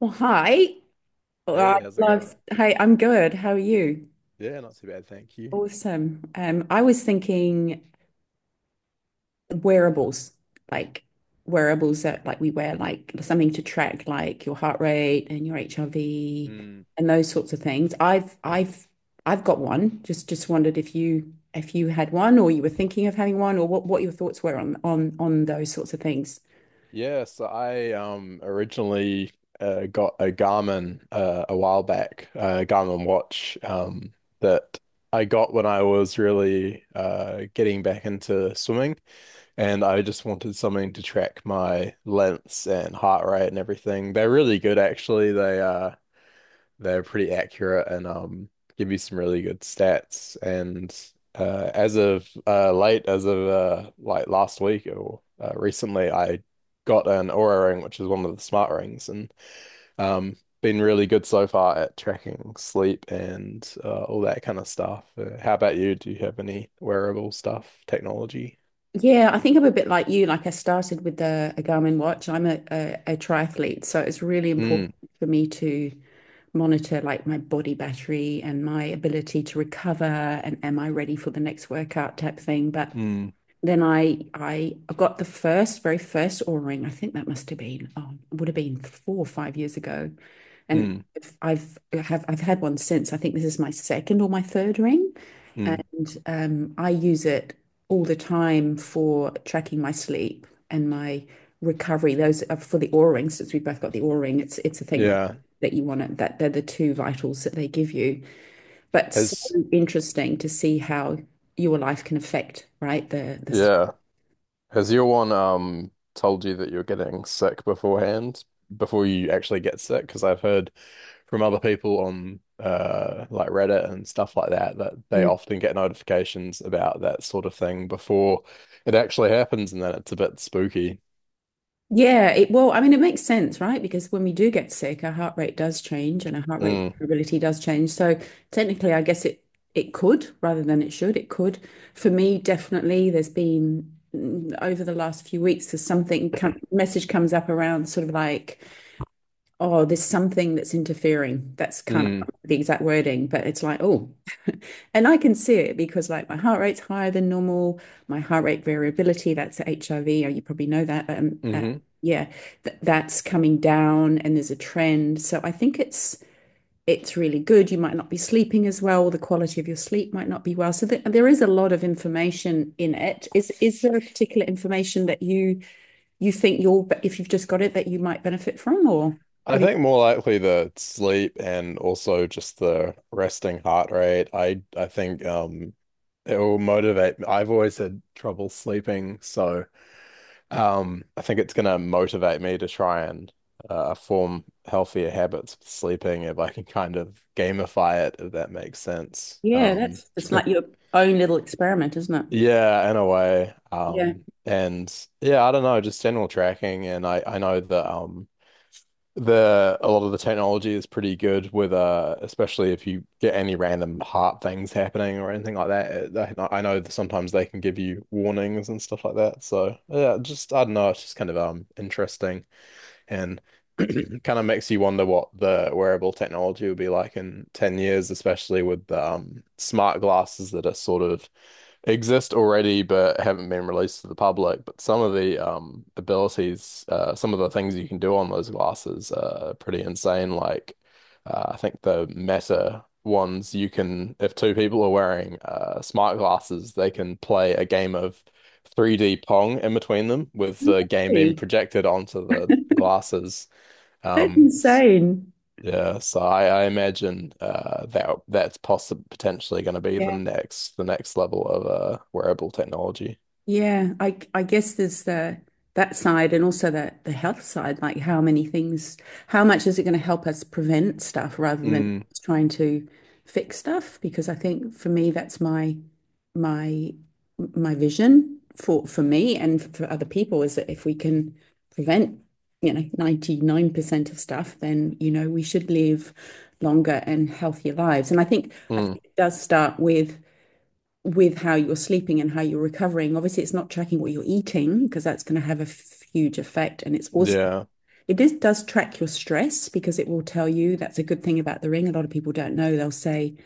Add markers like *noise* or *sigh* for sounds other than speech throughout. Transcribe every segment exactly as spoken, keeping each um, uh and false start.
Well, hi. Well, I Hey, how's it going? love. Hey, I'm good. How are you? Yeah, not too bad, thank you. Awesome. Um, I was thinking wearables, like wearables that like we wear, like something to track, like your heart rate and your H R V Mm. and those sorts of things. I've I've I've got one. Just just wondered if you if you had one or you were thinking of having one or what what your thoughts were on on on those sorts of things. Yeah, so I um originally uh, got a Garmin, uh, a while back, a Garmin watch um that I got when I was really uh getting back into swimming, and I just wanted something to track my lengths and heart rate and everything. They're really good actually. They uh they're pretty accurate and um give you some really good stats. And uh, as of uh, late, as of uh, like last week or uh, recently, I got an Oura ring, which is one of the smart rings, and um been really good so far at tracking sleep and uh, all that kind of stuff. Uh, how about you? Do you have any wearable stuff, technology? Yeah, I think I'm a bit like you. Like I started with a, a Garmin watch. I'm a, a, a triathlete, so it's really important Mm, for me to monitor like my body battery and my ability to recover and am I ready for the next workout type thing. But mm, then I I got the first, very first aura O-ring. I think that must have been, oh, it would have been four or five years ago. And mm, I've I have I've had one since. I think this is my second or my third ring. mm. And um, I use it all the time for tracking my sleep and my recovery. Those are for the aura ring, since we've both got the aura ring. It's it's a thing that Yeah. that you want to that they're the two vitals that they give you. But so Has interesting to see how your life can affect, right? The the yeah. Has your one um told you that you're getting sick beforehand before you actually get sick? Because I've heard from other people on uh like Reddit and stuff like that that they Yeah. often get notifications about that sort of thing before it actually happens, and then it's a bit spooky. Yeah, it well, I mean, it makes sense, right? Because when we do get sick, our heart rate does change and our heart rate Mm, variability does change. So technically, I guess it it could, rather than it should. It could. For me, definitely, there's been, mm, over the last few weeks, there's something come, message comes up around sort of like, oh, there's something that's interfering. That's kind of mm, the exact wording, but it's like, oh, *laughs* and I can see it because like my heart rate's higher than normal, my heart rate variability, that's H I V, oh, you probably know that. Um, uh, hmm. yeah, th that's coming down and there's a trend. So I think it's it's really good. You might not be sleeping as well, the quality of your sleep might not be well. So th there is a lot of information in it. Is is there a particular information that you you think you'll if you've just got it that you might benefit from, or I what do you. think more likely the sleep and also just the resting heart rate. I I think um it will motivate. I've always had trouble sleeping, so. Um, I think it's going to motivate me to try and uh, form healthier habits with sleeping if I can kind of gamify it, if that makes sense. Yeah, Um, that's that's like your own little experiment, isn't it? yeah, in a way. Yeah. Um, and yeah, I don't know, just general tracking. And I, I know that um, the a lot of the technology is pretty good with uh, especially if you get any random heart things happening or anything like that. It, they- I know that sometimes they can give you warnings and stuff like that. So yeah, just I don't know, it's just kind of um interesting. And *clears throat* kind of makes you wonder what the wearable technology will be like in ten years, especially with um, smart glasses that are sort of exist already but haven't been released to the public. But some of the um abilities, uh, some of the things you can do on those glasses are pretty insane. Like uh, I think the Meta ones, you can if two people are wearing uh smart glasses, they can play a game of three D Pong in between them with the No, game being projected onto the glasses. that's Um, insane. yeah, so I, I imagine uh, that that's possibly potentially going to be the Yeah. next the next level of uh, wearable technology. Yeah. I I guess there's the that side and also the the health side, like how many things, how much is it going to help us prevent stuff rather than Mm, trying to fix stuff? Because I think for me that's my my my vision for for me and for other people, is that if we can prevent, you know ninety-nine percent of stuff, then you know we should live longer and healthier lives. And i think i mm, think it does start with with how you're sleeping and how you're recovering. Obviously it's not tracking what you're eating, because that's going to have a huge effect. And it's also, yeah, it is, does track your stress, because it will tell you. That's a good thing about the ring. A lot of people don't know. They'll say,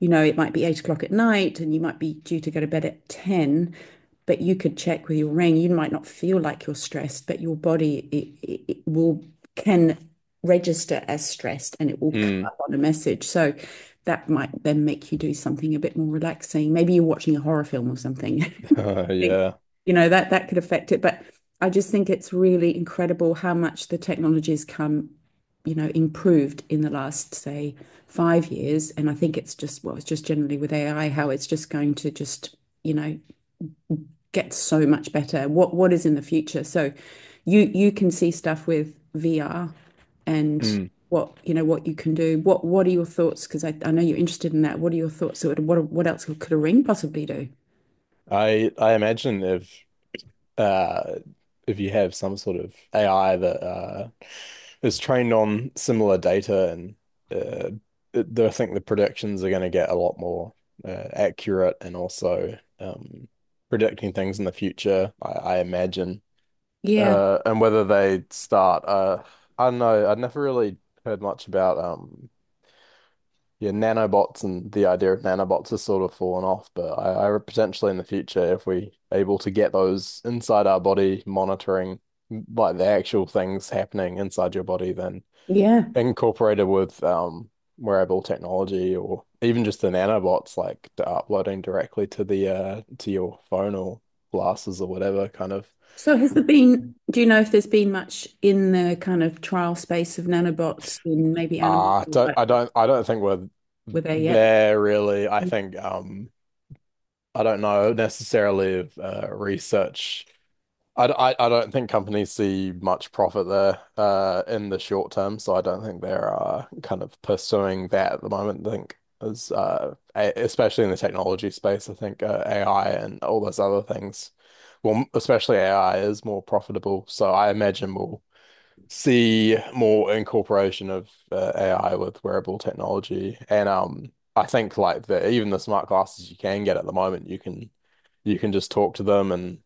you know, it might be eight o'clock at night and you might be due to go to bed at ten, but you could check with your ring. You might not feel like you're stressed, but your body, it, it, it will can register as stressed, and it will come mm, up on a message. So that might then make you do something a bit more relaxing. Maybe you're watching a horror film or something. *laughs* *laughs* Think, yeah. you know, that that could affect it. But I just think it's really incredible how much the technology's come, you know, improved in the last, say, five years. And I think it's just, well, it's just generally with A I, how it's just going to just, you know, get so much better. What what is in the future? So you you can see stuff with V R and Mm. what you know what you can do. What what are your thoughts? Because I, I know you're interested in that. What are your thoughts? So what what else could a ring possibly do? I I imagine if uh, if you have some sort of A I that uh, is trained on similar data and uh, th- th- I think the predictions are going to get a lot more uh, accurate and also um, predicting things in the future, I, I imagine. Yeah. Uh, and whether they start, uh, I don't know. I never really heard much about um, yeah, nanobots, and the idea of nanobots has sort of fallen off. But I, I potentially in the future, if we are able to get those inside our body, monitoring like the actual things happening inside your body, then Yeah. incorporated with um, wearable technology or even just the nanobots, like uploading directly to the uh, to your phone or glasses or whatever, kind of. So has there been, do you know if there's been much in the kind of trial space of nanobots in maybe animals, Uh, I don't, like, I don't I don't think we're were there yet? there really. I think um I don't know necessarily if uh, research. I, d- I, I don't think companies see much profit there uh in the short term, so I don't think they're uh, kind of pursuing that at the moment. I think is uh a- Especially in the technology space, I think uh, A I and all those other things, well, m- especially A I is more profitable. So I imagine we'll see more incorporation of uh, A I with wearable technology. And um, I think like the even the smart glasses you can get at the moment, you can you can just talk to them, and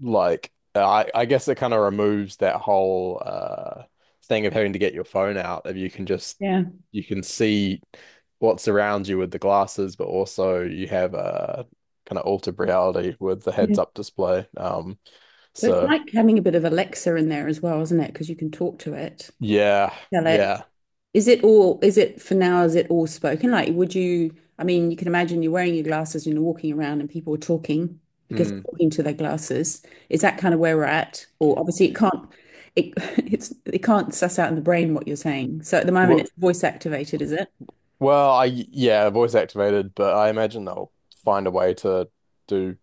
like I I guess it kind of removes that whole uh thing of having to get your phone out. If you can just Yeah. you can see what's around you with the glasses, but also you have a kind of altered reality with the Yeah. heads up display. Um, So it's so like having a bit of Alexa in there as well, isn't it? Because you can talk to it, yeah, tell it. yeah. Is it all, is it for now, is it all spoken? Like, would you, I mean, you can imagine you're wearing your glasses and you're walking around and people are talking because they're Hmm. talking to their glasses. Is that kind of where we're at? Or obviously it can't, it, *laughs* it's, it can't suss out in the brain what you're saying. So at the moment it's voice activated, is it? Well, I yeah, voice activated, but I imagine they'll find a way to do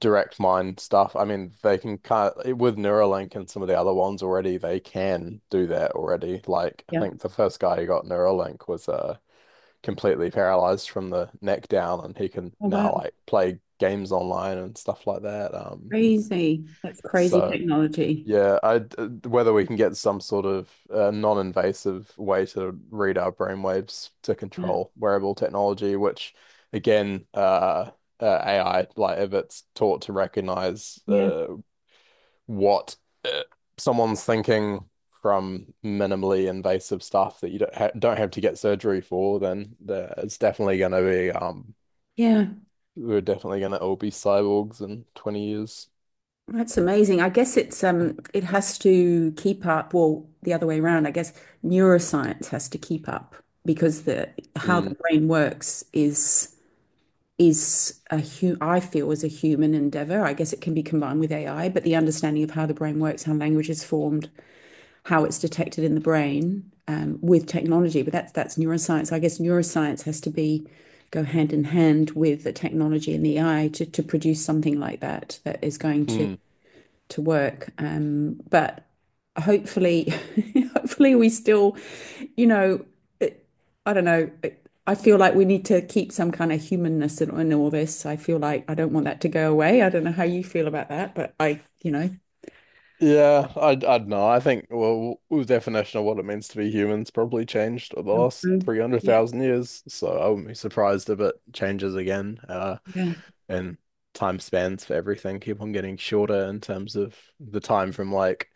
direct mind stuff. I mean, they can kind of with Neuralink and some of the other ones already, they can do that already. Like, I Yeah. think the first guy who got Neuralink was uh completely paralyzed from the neck down, and he can Oh, now wow. like play games online and stuff like that. Um, Crazy. That's crazy so technology. yeah, I uh, whether we can get some sort of uh, non-invasive way to read our brainwaves to Yeah. control wearable technology, which again, uh, uh, A I, like if it's taught to recognize Yeah. uh, what someone's thinking from minimally invasive stuff that you don't ha don't have to get surgery for, then there, it's definitely going to be um, Yeah. we're definitely going to all be cyborgs in twenty years. That's amazing. I guess it's um it has to keep up, well, the other way around. I guess neuroscience has to keep up, because the how the Mm. brain works is is, a hu I feel, is a human endeavor. I guess it can be combined with A I, but the understanding of how the brain works, how language is formed, how it's detected in the brain, um, with technology. But that's that's neuroscience. I guess neuroscience has to be go hand in hand with the technology and the A I to to produce something like that that is going to Mm. to work. Um, but hopefully, *laughs* hopefully we still, you know, it, I don't know. It, I feel like we need to keep some kind of humanness in, in all this. I feel like I don't want that to go away. I don't know how you feel about that, but I, you know, Yeah, I I don't know. I think well, the definition of what it means to be human's probably changed over the last Mm. Yeah, three hundred thousand years, so I wouldn't be surprised if it changes again. Uh, yeah, and time spans for everything keep on getting shorter in terms of the time from like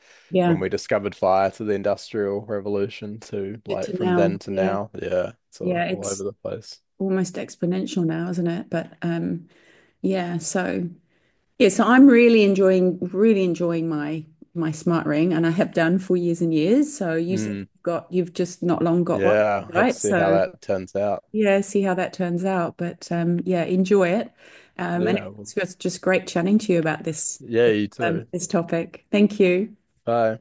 when we yeah. discovered fire to the Industrial Revolution to Good like to from then know. to Yeah, now. Yeah, it's uh, yeah. all over It's the place. almost exponential now, isn't it? But um, yeah. So, yeah, so I'm really enjoying really enjoying my my smart ring, and I have done for years and years. So you said Mm, you've got you've just not long got one, yeah, have to right? see how So that turns out. yeah, see how that turns out. But um, yeah, enjoy it. Um, and Yeah, well, it's just just great chatting to you about this yeah, this, you um, too. this topic. Thank you. Bye.